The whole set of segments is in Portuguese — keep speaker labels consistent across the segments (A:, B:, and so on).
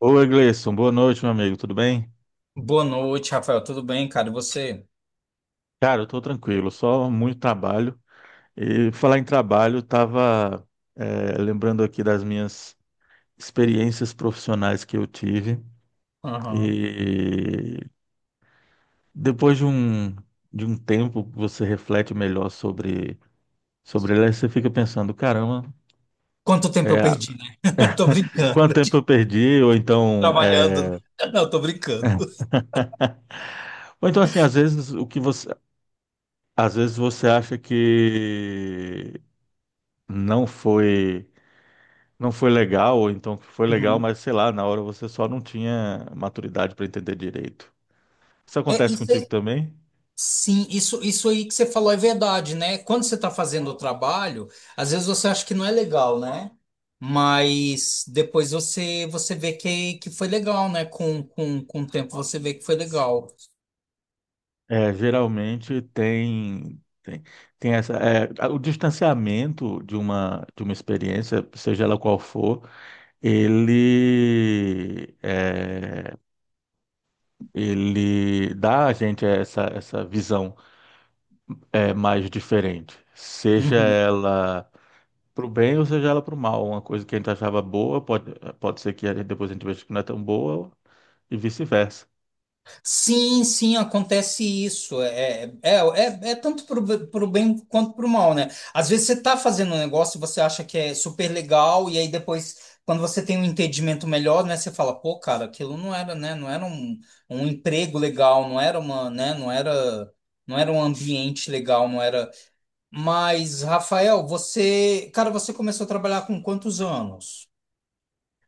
A: Oi, Gleison. Boa noite, meu amigo. Tudo bem?
B: Boa noite, Rafael. Tudo bem, cara? E você?
A: Cara, eu tô tranquilo, só muito trabalho. E falar em trabalho, eu tava lembrando aqui das minhas experiências profissionais que eu tive.
B: Aham.
A: E depois de um tempo, você reflete melhor sobre ela, e você fica pensando, caramba,
B: Quanto tempo eu
A: eh,
B: perdi, né? Tô brincando.
A: quanto tempo eu perdi? Ou então, eh,
B: Trabalhando. Não, tô brincando.
A: ou então assim, às vezes você acha que não foi não foi legal, ou então que foi legal,
B: Uhum.
A: mas sei lá, na hora você só não tinha maturidade para entender direito. Isso
B: É,
A: acontece contigo também?
B: sim, isso aí que você falou é verdade, né? Quando você tá fazendo o trabalho, às vezes você acha que não é legal, né? Mas depois você vê que foi legal, né? Com o tempo você vê que foi legal.
A: É, geralmente tem essa o distanciamento de uma experiência, seja ela qual for, ele é, ele dá a gente essa visão mais diferente, seja
B: Uhum.
A: ela pro bem ou seja ela pro mal. Uma coisa que a gente achava boa, pode ser que depois a gente veja que não é tão boa, e vice-versa.
B: Sim, sim, acontece isso. É tanto para o bem quanto para o mal, né? Às vezes você está fazendo um negócio e você acha que é super legal, e aí depois, quando você tem um entendimento melhor, né, você fala, pô, cara, aquilo não era, né? Não era um emprego legal, não era uma, né? Não era um ambiente legal, não era. Mas, Rafael, você, cara, você começou a trabalhar com quantos anos?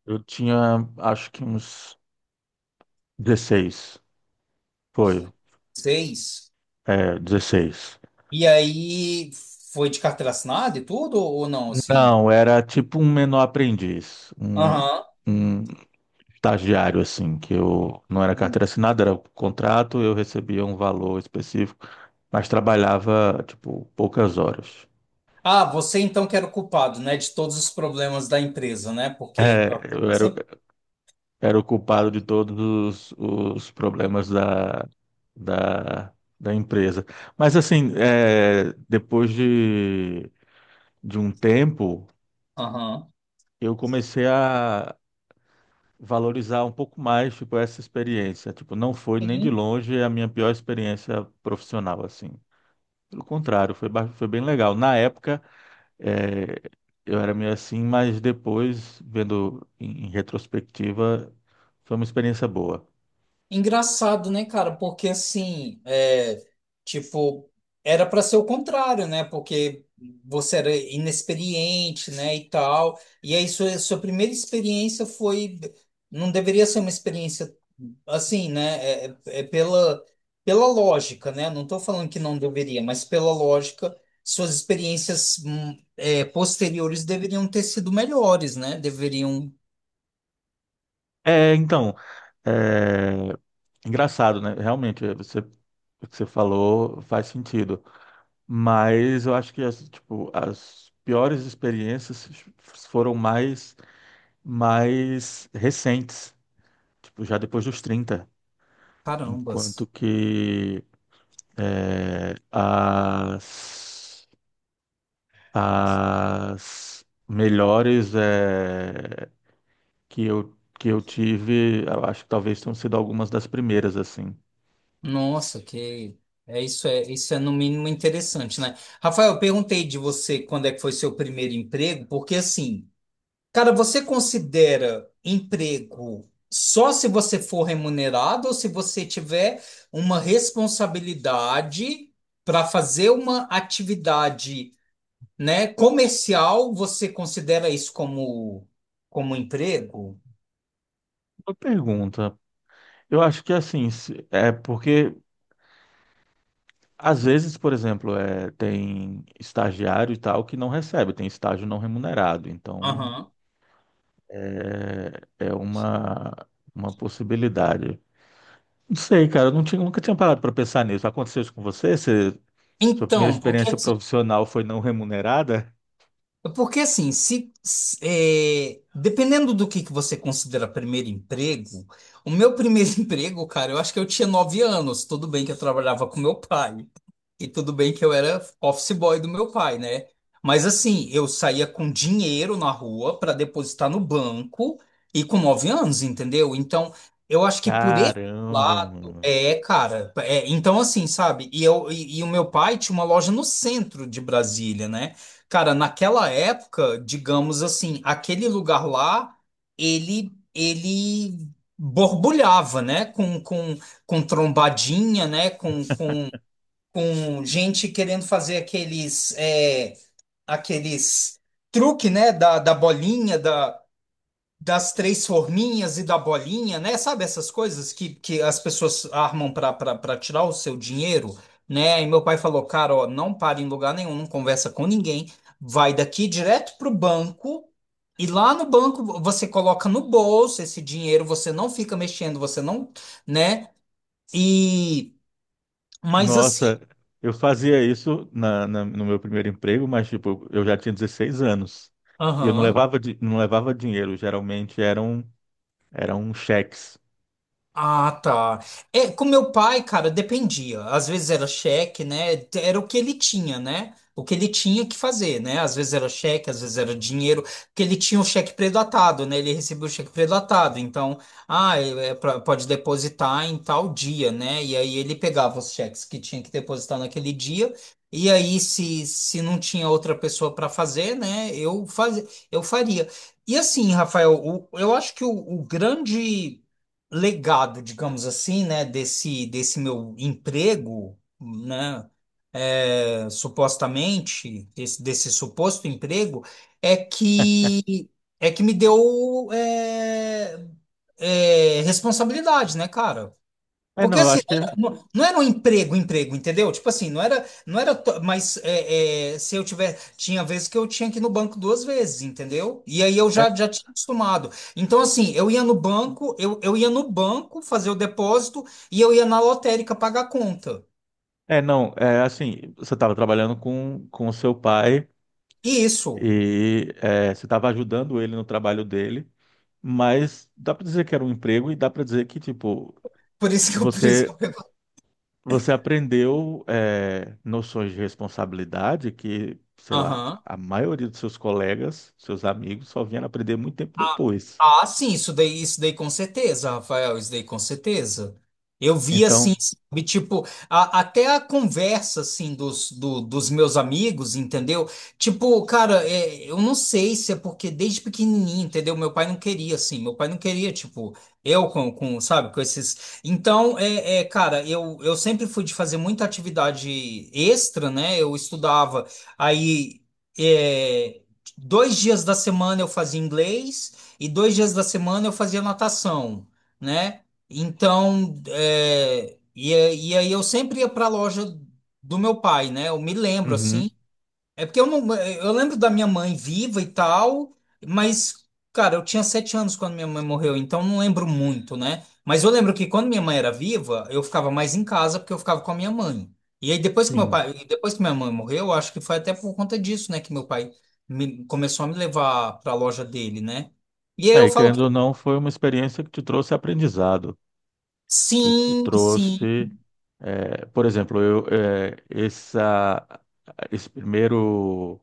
A: Eu tinha, acho que uns 16. Foi.
B: Seis.
A: É, 16.
B: E aí foi de carteira assinada e tudo, ou não, assim?
A: Não, era tipo um menor aprendiz. Um,
B: Aham.
A: um estagiário, assim, que eu não era
B: Hum.
A: carteira assinada, era contrato, eu recebia um valor específico, mas trabalhava, tipo, poucas horas.
B: Ah, você então que era o culpado, né, de todos os problemas da empresa, né?
A: É,
B: Porque
A: eu era,
B: sempre.
A: era o culpado de todos os problemas da, da empresa. Mas assim, é, depois de um tempo,
B: Aham.
A: eu comecei a valorizar um pouco mais, tipo, essa experiência. Tipo, não foi nem de longe a minha pior experiência profissional, assim. Pelo contrário, foi bem legal. Na época, é, eu era meio assim, mas depois, vendo em retrospectiva, foi uma experiência boa.
B: Engraçado, né, cara? Porque assim, é, tipo, era para ser o contrário, né? Porque você era inexperiente, né, e tal. E aí sua primeira experiência foi, não deveria ser uma experiência assim, né? É pela lógica, né? Não tô falando que não deveria, mas pela lógica, suas experiências posteriores deveriam ter sido melhores, né? Deveriam,
A: É, então, é, engraçado, né? Realmente, o que você falou faz sentido. Mas eu acho que as, tipo, as piores experiências foram mais recentes, tipo, já depois dos 30, enquanto
B: carambas.
A: que é, as, as melhores que eu tive, eu acho que talvez tenham sido algumas das primeiras, assim.
B: Nossa, que é isso é no mínimo interessante, né? Rafael, eu perguntei de você quando é que foi seu primeiro emprego, porque assim, cara, você considera emprego só se você for remunerado ou se você tiver uma responsabilidade para fazer uma atividade, né, comercial, você considera isso como emprego?
A: Uma pergunta. Eu acho que assim, é porque às vezes, por exemplo, tem estagiário e tal que não recebe, tem estágio não remunerado. Então
B: Aham.
A: é uma possibilidade. Não sei, cara, eu não tinha, nunca tinha parado para pensar nisso. Aconteceu isso com você? Sua primeira
B: Então, porque
A: experiência
B: assim.
A: profissional foi não remunerada?
B: Porque assim, é, dependendo do que você considera primeiro emprego, o meu primeiro emprego, cara, eu acho que eu tinha 9 anos. Tudo bem que eu trabalhava com meu pai. E tudo bem que eu era office boy do meu pai, né? Mas assim, eu saía com dinheiro na rua para depositar no banco e com 9 anos, entendeu? Então, eu acho que por esse
A: Caramba,
B: lado,
A: mano.
B: é, cara. É, então, assim, sabe? E o meu pai tinha uma loja no centro de Brasília, né? Cara, naquela época, digamos assim, aquele lugar lá, ele borbulhava, né? Com trombadinha, né? Com gente querendo fazer aqueles truque, né, da bolinha, das três forminhas e da bolinha, né? Sabe essas coisas que as pessoas armam para tirar o seu dinheiro, né? E meu pai falou, cara, ó, não para em lugar nenhum, não conversa com ninguém, vai daqui direto pro banco. E lá no banco você coloca no bolso esse dinheiro, você não fica mexendo, você não, né? E mas assim,
A: Nossa, eu fazia isso no meu primeiro emprego, mas tipo, eu já tinha 16 anos. E eu não
B: aham.
A: levava, di- não levava dinheiro, geralmente eram cheques.
B: Ah, tá. É, com meu pai, cara, dependia. Às vezes era cheque, né? Era o que ele tinha, né? O que ele tinha que fazer, né? Às vezes era cheque, às vezes era dinheiro, porque ele tinha o cheque pré-datado, né? Ele recebeu o cheque pré-datado. Então, ah, pode depositar em tal dia, né? E aí ele pegava os cheques que tinha que depositar naquele dia. E aí, se não tinha outra pessoa para fazer, né? Eu faria. E assim, Rafael, eu acho que o grande legado, digamos assim, né, desse meu emprego, né, é, supostamente, desse suposto emprego, é que é que me deu responsabilidade, né, cara?
A: É,
B: Porque
A: não, eu
B: assim,
A: acho que.
B: não era um emprego, emprego, entendeu? Tipo assim, não era, não era, to- mas é, é, se eu tiver, tinha vezes que eu tinha que ir no banco 2 vezes, entendeu? E aí eu
A: É,
B: já tinha acostumado. Então assim, eu ia no banco, eu ia no banco fazer o depósito e eu ia na lotérica pagar a conta.
A: é não, é assim, você estava trabalhando com o seu pai
B: Isso.
A: e você estava ajudando ele no trabalho dele, mas dá para dizer que era um emprego e dá para dizer que, tipo,
B: Por isso que eu, por isso
A: você.
B: que eu...
A: você aprendeu noções de responsabilidade que, sei lá,
B: perguntei.
A: a maioria dos seus colegas, seus amigos, só vieram aprender muito tempo
B: Ah,
A: depois.
B: ah, sim, isso daí com certeza, Rafael, isso daí com certeza. Eu vi assim,
A: Então.
B: sabe, tipo, até a conversa, assim, dos meus amigos, entendeu? Tipo, cara, eu não sei se é porque desde pequenininho, entendeu? Meu pai não queria, assim, meu pai não queria, tipo, eu com, sabe, com esses. Então, cara, eu sempre fui de fazer muita atividade extra, né? Eu estudava, aí... é, 2 dias da semana eu fazia inglês, e 2 dias da semana eu fazia natação, né? Então, e aí eu sempre ia para a loja do meu pai, né? Eu me lembro
A: Uhum.
B: assim. É porque eu não, eu lembro da minha mãe viva e tal, mas, cara, eu tinha 7 anos quando minha mãe morreu, então não lembro muito, né? Mas eu lembro que quando minha mãe era viva, eu ficava mais em casa porque eu ficava com a minha mãe. E aí depois que meu
A: Sim.
B: pai, e depois que minha mãe morreu, eu acho que foi até por conta disso, né, que meu pai começou a me levar para a loja dele, né? E aí
A: É,
B: eu
A: e
B: falo
A: querendo
B: que
A: ou não, foi uma experiência que te trouxe aprendizado, que te
B: sim, sim,
A: por exemplo, esse primeiro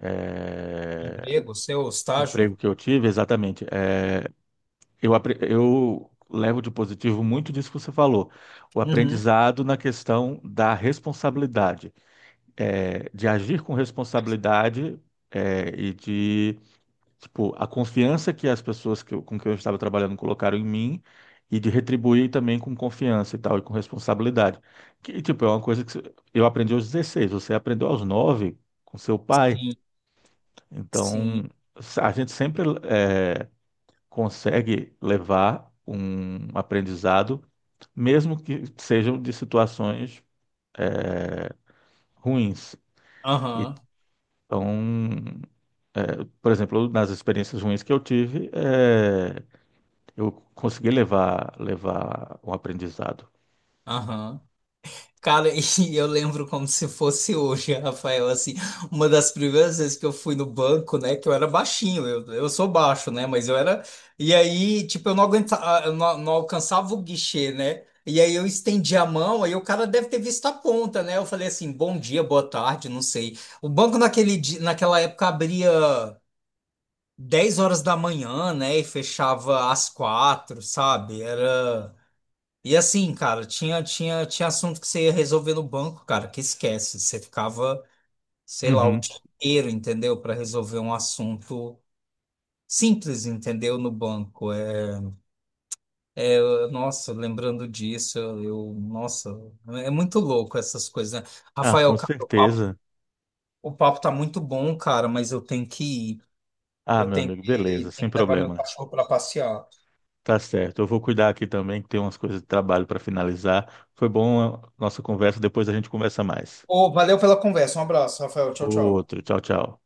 A: eh,
B: emprego, seu
A: emprego
B: estágio.
A: que eu tive, exatamente. Eu levo de positivo muito disso que você falou, o
B: Uhum.
A: aprendizado na questão da responsabilidade, de agir com responsabilidade, e tipo, a confiança que as pessoas que com quem eu estava trabalhando colocaram em mim e de retribuir também com confiança e tal, e com responsabilidade. Que, tipo, é uma coisa que eu aprendi aos 16, você aprendeu aos 9 com seu pai,
B: Sim, sim,
A: então a gente sempre, consegue levar um aprendizado, mesmo que sejam de situações ruins.
B: aham,
A: Então, por exemplo, nas experiências ruins que eu tive, eu consegui levar um aprendizado.
B: aham. Cara, e eu lembro como se fosse hoje, Rafael, assim, uma das primeiras vezes que eu fui no banco, né, que eu era baixinho, eu sou baixo, né, mas eu era, e aí, tipo, eu não aguentava, eu não, não alcançava o guichê, né, e aí eu estendi a mão, aí o cara deve ter visto a ponta, né, eu falei assim, bom dia, boa tarde, não sei. O banco naquele dia, naquela época abria 10 horas da manhã, né, e fechava às 4, sabe, era... E assim, cara, tinha assunto que você ia resolver no banco, cara, que esquece. Você ficava, sei lá, o
A: Uhum.
B: dia inteiro, entendeu? Para resolver um assunto simples, entendeu? No banco. É, nossa, lembrando disso, nossa, é muito louco essas coisas, né?
A: Ah,
B: Rafael,
A: com
B: cara, o papo,
A: certeza.
B: o papo tá muito bom, cara, mas eu tenho que ir.
A: Ah,
B: Eu
A: meu
B: tenho
A: amigo, beleza,
B: que,
A: sem
B: tenho que levar meu
A: problema.
B: cachorro para passear.
A: Tá certo. Eu vou cuidar aqui também, que tem umas coisas de trabalho para finalizar. Foi bom a nossa conversa, depois a gente conversa mais.
B: Ô, valeu pela conversa. Um abraço, Rafael. Tchau, tchau.
A: Outro, tchau, tchau.